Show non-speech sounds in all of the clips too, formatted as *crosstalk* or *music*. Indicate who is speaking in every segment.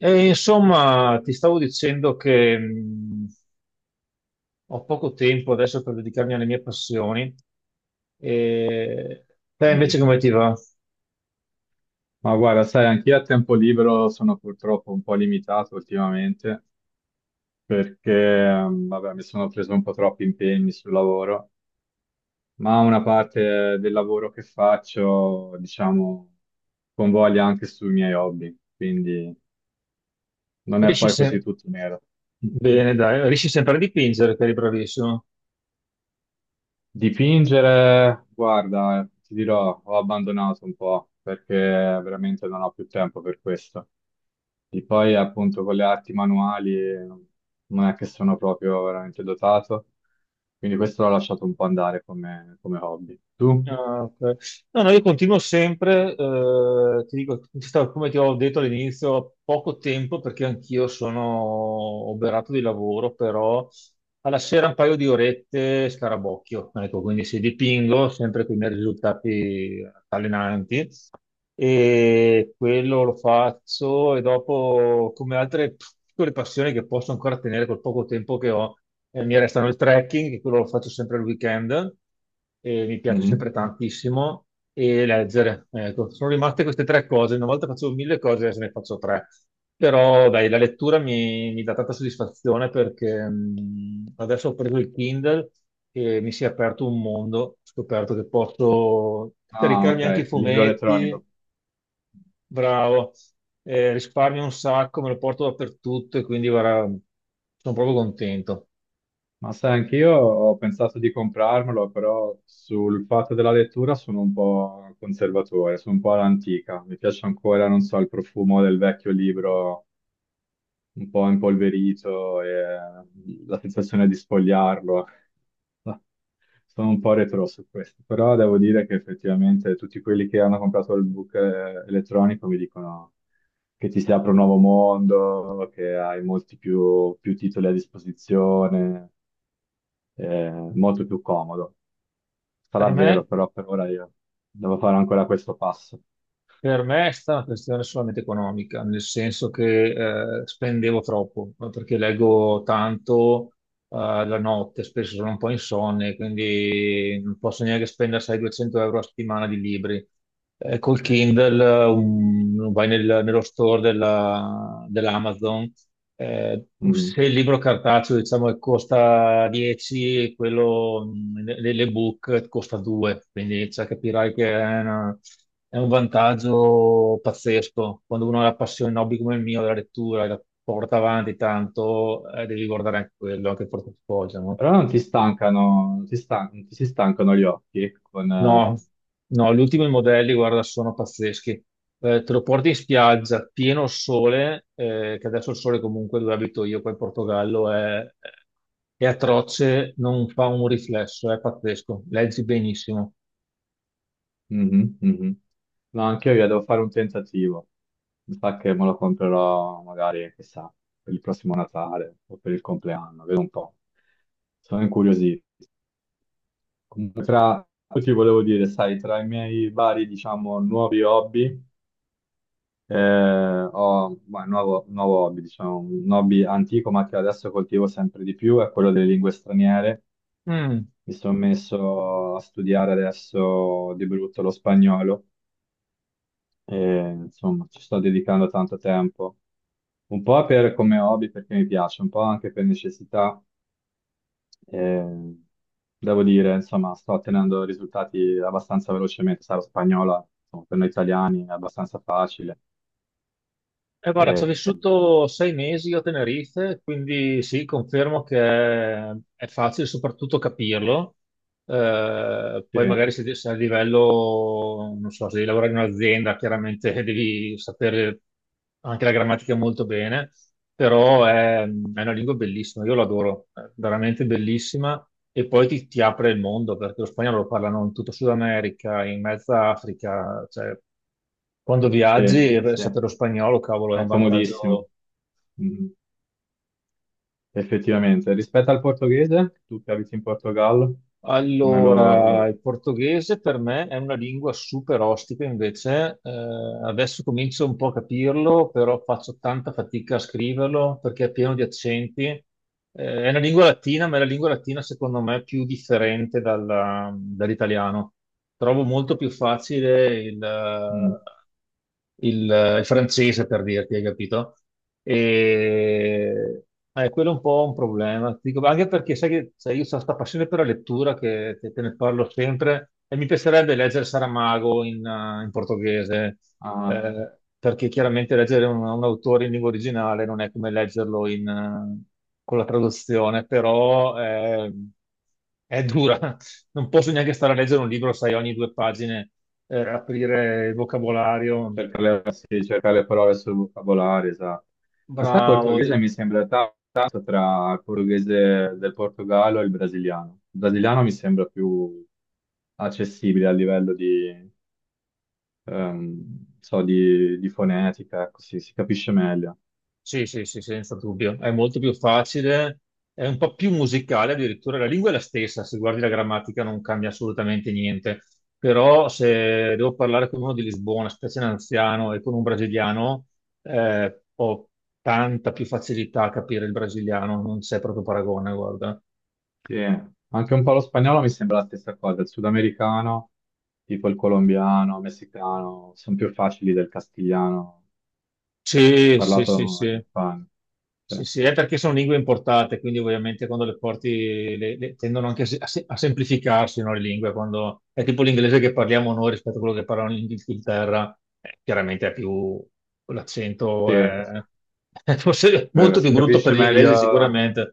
Speaker 1: E insomma, ti stavo dicendo che ho poco tempo adesso per dedicarmi alle mie passioni. E te invece
Speaker 2: Mm.
Speaker 1: come ti va?
Speaker 2: Ma guarda, sai, anch'io a tempo libero sono purtroppo un po' limitato ultimamente perché, vabbè, mi sono preso un po' troppi impegni sul lavoro, ma una parte del lavoro che faccio, diciamo, convoglia anche sui miei hobby, quindi non è
Speaker 1: Riesci
Speaker 2: poi così
Speaker 1: sempre...
Speaker 2: tutto nero.
Speaker 1: Bene, dai, riesci sempre a dipingere, che eri bravissimo.
Speaker 2: Dipingere, guarda, ti dirò, ho abbandonato un po' perché veramente non ho più tempo per questo. E poi appunto con le arti manuali, non è che sono proprio veramente dotato, quindi questo l'ho lasciato un po' andare come, come hobby. Tu?
Speaker 1: Ah, ok. No, no, io continuo sempre, ti dico, come ti ho detto all'inizio, poco tempo perché anch'io sono oberato di lavoro, però alla sera un paio di orette scarabocchio, ecco, quindi se dipingo sempre con i miei risultati allenanti e quello lo faccio e dopo come altre piccole passioni che posso ancora tenere col poco tempo che ho, mi restano il trekking, che quello lo faccio sempre al weekend e mi piace
Speaker 2: Mhm.
Speaker 1: sempre tantissimo, e leggere. Ecco, sono rimaste queste tre cose. Una volta facevo mille cose, adesso ne faccio tre. Però dai, la lettura mi dà tanta soddisfazione perché adesso ho preso il Kindle e mi si è aperto un mondo. Ho scoperto che posso
Speaker 2: Ah,
Speaker 1: caricarmi
Speaker 2: ok,
Speaker 1: anche i
Speaker 2: il libro
Speaker 1: fumetti,
Speaker 2: elettronico.
Speaker 1: bravo, risparmio un sacco, me lo porto dappertutto e quindi guarda, sono proprio contento.
Speaker 2: Ma sai, anch'io ho pensato di comprarmelo, però sul fatto della lettura sono un po' conservatore, sono un po' all'antica. Mi piace ancora, non so, il profumo del vecchio libro un po' impolverito e la sensazione di sfogliarlo. *laughs* Sono un po' retro su questo, però devo dire che effettivamente tutti quelli che hanno comprato il book, elettronico mi dicono che ti si apre un nuovo mondo, che hai molti più titoli a disposizione, molto più comodo.
Speaker 1: Per
Speaker 2: Sarà
Speaker 1: me
Speaker 2: vero, però per ora io devo fare ancora questo passo.
Speaker 1: Per me è stata una questione solamente economica, nel senso che spendevo troppo, ma perché leggo tanto eh, la notte, spesso sono un po' insonne, quindi non posso neanche spendere 600-200 € a settimana di libri. Col Kindle vai nello store dell'Amazon eh,
Speaker 2: Mm.
Speaker 1: se il libro cartaceo, diciamo, che costa 10, quello l'ebook costa 2, quindi cioè, capirai che è un vantaggio pazzesco. Quando uno ha la passione, un hobby come il mio, della lettura, e la porta avanti tanto, devi guardare anche quello, anche il portafoglio, no?
Speaker 2: Però non ti stancano, non ti si stancano gli occhi con...
Speaker 1: No, no, gli ultimi modelli, guarda, sono pazzeschi. Te lo porti in spiaggia, pieno sole, che adesso il sole comunque dove abito io qua in Portogallo è atroce, non fa un riflesso, è pazzesco, leggi benissimo.
Speaker 2: mhm, mhm. No, anche io devo fare un tentativo. Mi sa che me lo comprerò magari, chissà, per il prossimo Natale o per il compleanno, vedo un po'. Sono incuriosito. Comunque, poi ti volevo dire, sai, tra i miei vari, diciamo, nuovi hobby, un nuovo hobby, diciamo, un hobby antico, ma che adesso coltivo sempre di più, è quello delle lingue straniere.
Speaker 1: Mm.
Speaker 2: Mi sono messo a studiare adesso di brutto lo spagnolo e insomma ci sto dedicando tanto tempo. Un po' come hobby perché mi piace, un po' anche per necessità. Eh, devo dire, insomma, sto ottenendo risultati abbastanza velocemente. Sarà spagnola, insomma, per noi italiani è abbastanza facile.
Speaker 1: Guarda, ci ho
Speaker 2: Eh,
Speaker 1: vissuto 6 mesi a Tenerife, quindi sì, confermo che è facile soprattutto capirlo.
Speaker 2: sì,
Speaker 1: Poi magari se a livello, non so, se devi lavorare in un'azienda, chiaramente *laughs* devi sapere anche la grammatica molto bene, però è una lingua bellissima, io l'adoro, è veramente bellissima e poi ti apre il mondo perché lo spagnolo lo parlano in tutta Sud America, in mezza Africa, cioè quando viaggi
Speaker 2: sì, sì.
Speaker 1: sapere lo spagnolo, cavolo, è un
Speaker 2: È comodissimo.
Speaker 1: vantaggio.
Speaker 2: Mm, effettivamente. Rispetto al portoghese, tu che abiti in Portogallo, come lo...
Speaker 1: Allora, il portoghese per me è una lingua super ostica, invece adesso comincio un po' a capirlo, però faccio tanta fatica a scriverlo perché è pieno di accenti. È una lingua latina, ma è la lingua latina secondo me più differente dall'italiano. Trovo molto più facile il,
Speaker 2: mm,
Speaker 1: il, il francese per dirti, hai capito? E quello è un po' un problema. Ti dico, anche perché sai che sai, io ho questa passione per la lettura che te ne parlo sempre e mi piacerebbe leggere Saramago in portoghese,
Speaker 2: ah,
Speaker 1: perché chiaramente leggere un autore in lingua originale non è come leggerlo con la traduzione, però è dura. *laughs* Non posso neanche stare a leggere un libro, sai, ogni due pagine aprire il vocabolario.
Speaker 2: cerca le, sì, cerca le parole sul vocabolario, esatto. Ma sai, il
Speaker 1: Bravo,
Speaker 2: portoghese mi sembra tanto tra il portoghese del Portogallo e il brasiliano. Il brasiliano mi sembra più accessibile a livello di, so, di fonetica, così si capisce meglio.
Speaker 1: sì, sì, sì, senza dubbio, è molto più facile, è un po' più musicale addirittura, la lingua è la stessa, se guardi la grammatica non cambia assolutamente niente, però se devo parlare con uno di Lisbona, specie un anziano, e con un brasiliano, ho tanta più facilità a capire il brasiliano, non c'è proprio paragone, guarda.
Speaker 2: Sì, anche un po' lo spagnolo mi sembra la stessa cosa, il sudamericano, tipo il colombiano, messicano, sono più facili del castigliano,
Speaker 1: Sì, sì,
Speaker 2: parlato
Speaker 1: sì,
Speaker 2: in
Speaker 1: sì.
Speaker 2: Spagna.
Speaker 1: Sì,
Speaker 2: Cioè,
Speaker 1: sì, è perché sono lingue importate, quindi ovviamente quando le porti tendono anche a semplificarsi, no, le lingue, quando è tipo l'inglese che parliamo noi rispetto a quello che parlano in Inghilterra, chiaramente è più
Speaker 2: sì,
Speaker 1: l'accento *laughs* è forse molto più
Speaker 2: si
Speaker 1: brutto per
Speaker 2: capisce
Speaker 1: l'inglese
Speaker 2: meglio,
Speaker 1: sicuramente,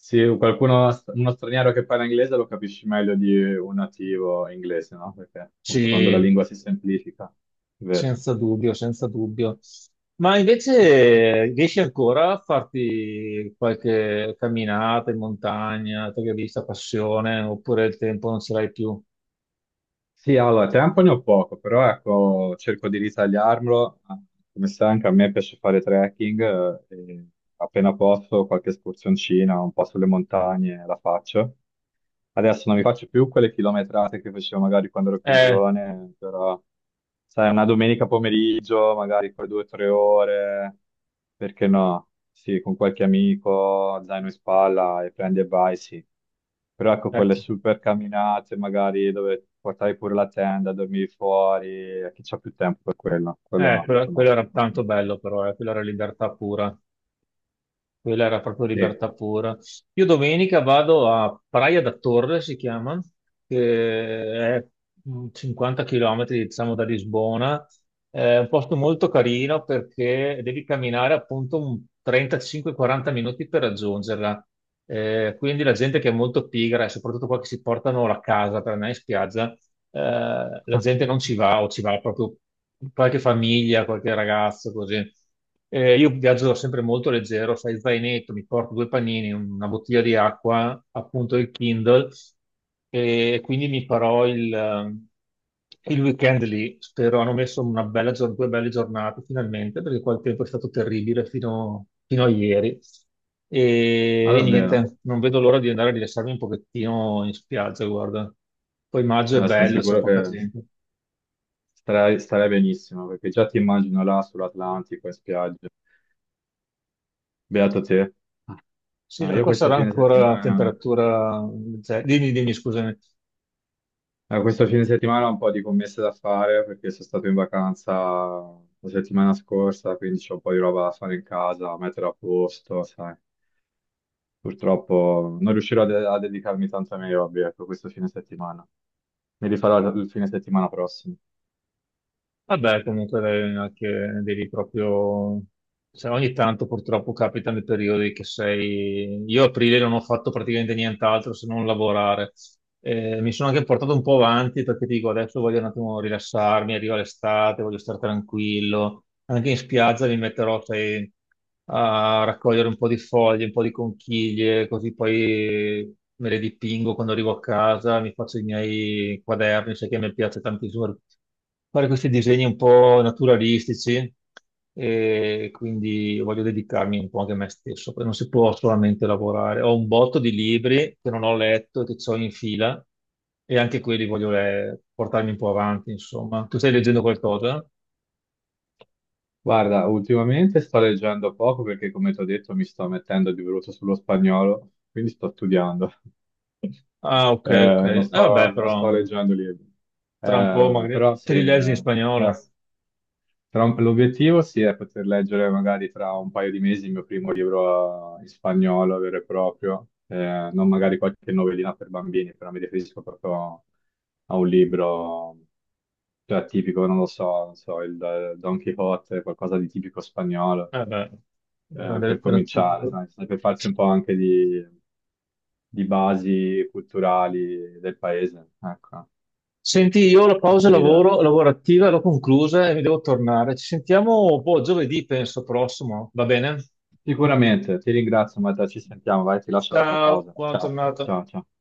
Speaker 2: sì, qualcuno, uno straniero che parla inglese lo capisci meglio di un nativo inglese, no? Perché appunto quando la
Speaker 1: sì,
Speaker 2: lingua si semplifica, è vero.
Speaker 1: senza dubbio, senza dubbio. Ma invece riesci ancora a farti qualche camminata in montagna, te che hai vista passione, oppure il tempo non ce l'hai più?
Speaker 2: Sì, allora, tempo ne ho poco, però ecco, cerco di ritagliarmelo. Ah, come sai, anche a me piace fare trekking, e appena posso qualche escursioncina, un po' sulle montagne la faccio. Adesso non mi faccio più quelle chilometrate che facevo magari quando ero più
Speaker 1: Eh,
Speaker 2: giovane, però sai, una domenica pomeriggio, magari poi due o tre ore, perché no? Sì, con qualche amico, zaino in spalla e prendi e vai, sì. Però ecco, quelle
Speaker 1: certo.
Speaker 2: super camminate, magari dove portavi pure la tenda, dormivi fuori, chi c'ha più tempo per quello? Quello
Speaker 1: Eh,
Speaker 2: no,
Speaker 1: quello,
Speaker 2: quello
Speaker 1: quello era
Speaker 2: no.
Speaker 1: tanto bello però, quella era libertà pura, quella era proprio
Speaker 2: Sì,
Speaker 1: libertà pura. Io domenica vado a Praia da Torre, si chiama, che è 50 km, diciamo, da Lisbona. È un posto molto carino perché devi camminare appunto un 35-40 minuti per raggiungerla. Quindi la gente che è molto pigra, e soprattutto qua che si portano la casa per andare in spiaggia, la gente non
Speaker 2: *laughs*
Speaker 1: ci va o ci va proprio qualche famiglia, qualche ragazzo, così. Io viaggio sempre molto leggero, fai zainetto, mi porto due panini, una bottiglia di acqua, appunto il Kindle, e quindi mi farò il weekend lì, spero, hanno messo due belle giornate finalmente, perché qua il tempo è stato terribile fino a ieri.
Speaker 2: ma
Speaker 1: E
Speaker 2: davvero.
Speaker 1: niente, non vedo l'ora di andare a rilassarmi un pochettino in spiaggia, guarda. Poi maggio è
Speaker 2: Sono
Speaker 1: bello, c'è
Speaker 2: sicuro
Speaker 1: poca
Speaker 2: che
Speaker 1: gente.
Speaker 2: Starei benissimo, perché già ti immagino là sull'Atlantico in spiaggia. Beato te.
Speaker 1: Sì,
Speaker 2: Ah,
Speaker 1: da
Speaker 2: io
Speaker 1: qua
Speaker 2: questa
Speaker 1: sarà
Speaker 2: fine
Speaker 1: ancora a
Speaker 2: settimana,
Speaker 1: temperatura. Dimmi, dimmi, scusami.
Speaker 2: questo fine settimana ho un po' di commesse da fare, perché sono stato in vacanza la settimana scorsa, quindi c'ho un po' di roba da fare in casa, da mettere a posto, sai. Purtroppo non riuscirò a dedicarmi tanto ai miei hobby, ecco, questo fine settimana. Mi rifarò il fine settimana prossimo.
Speaker 1: Vabbè, comunque anche devi proprio... cioè, ogni tanto purtroppo capitano i periodi che sei... Io a aprile non ho fatto praticamente nient'altro se non lavorare. Mi sono anche portato un po' avanti perché dico adesso voglio un attimo rilassarmi, arriva l'estate, voglio stare tranquillo. Anche in spiaggia mi metterò, sai, a raccogliere un po' di foglie, un po' di conchiglie, così poi me le dipingo quando arrivo a casa, mi faccio i miei quaderni, sai che mi piace tantissimo fare questi disegni un po' naturalistici e quindi voglio dedicarmi un po' anche a me stesso, perché non si può solamente lavorare. Ho un botto di libri che non ho letto e che ho in fila e anche quelli voglio portarmi un po' avanti, insomma. Tu stai leggendo qualcosa?
Speaker 2: Guarda, ultimamente sto leggendo poco perché, come ti ho detto, mi sto mettendo di brutto sullo spagnolo, quindi sto studiando.
Speaker 1: Ah, ok, ok. Vabbè,
Speaker 2: Non sto
Speaker 1: però
Speaker 2: leggendo libri.
Speaker 1: tra un po' magari
Speaker 2: Però
Speaker 1: te
Speaker 2: sì,
Speaker 1: li leggi in spagnolo.
Speaker 2: l'obiettivo sì è poter leggere magari tra un paio di mesi il mio primo libro, in spagnolo vero e proprio, non magari qualche novellina per bambini, però mi riferisco proprio a un libro cioè, tipico, non lo so, non so, il, Don Quixote, qualcosa di tipico spagnolo,
Speaker 1: Vabbè, grande
Speaker 2: per cominciare,
Speaker 1: letteratura.
Speaker 2: sai, per farsi un po' anche di basi culturali del paese, ecco,
Speaker 1: Senti, io ho la pausa
Speaker 2: questa è l'idea.
Speaker 1: lavoro, lavorativa, l'ho conclusa e mi devo tornare. Ci sentiamo, boh, giovedì, penso, prossimo. Va bene?
Speaker 2: Sicuramente, ti ringrazio, Matteo, ci sentiamo, vai, ti lascio la tua
Speaker 1: Ciao,
Speaker 2: pausa.
Speaker 1: buona
Speaker 2: Ciao,
Speaker 1: giornata.
Speaker 2: ciao, ciao.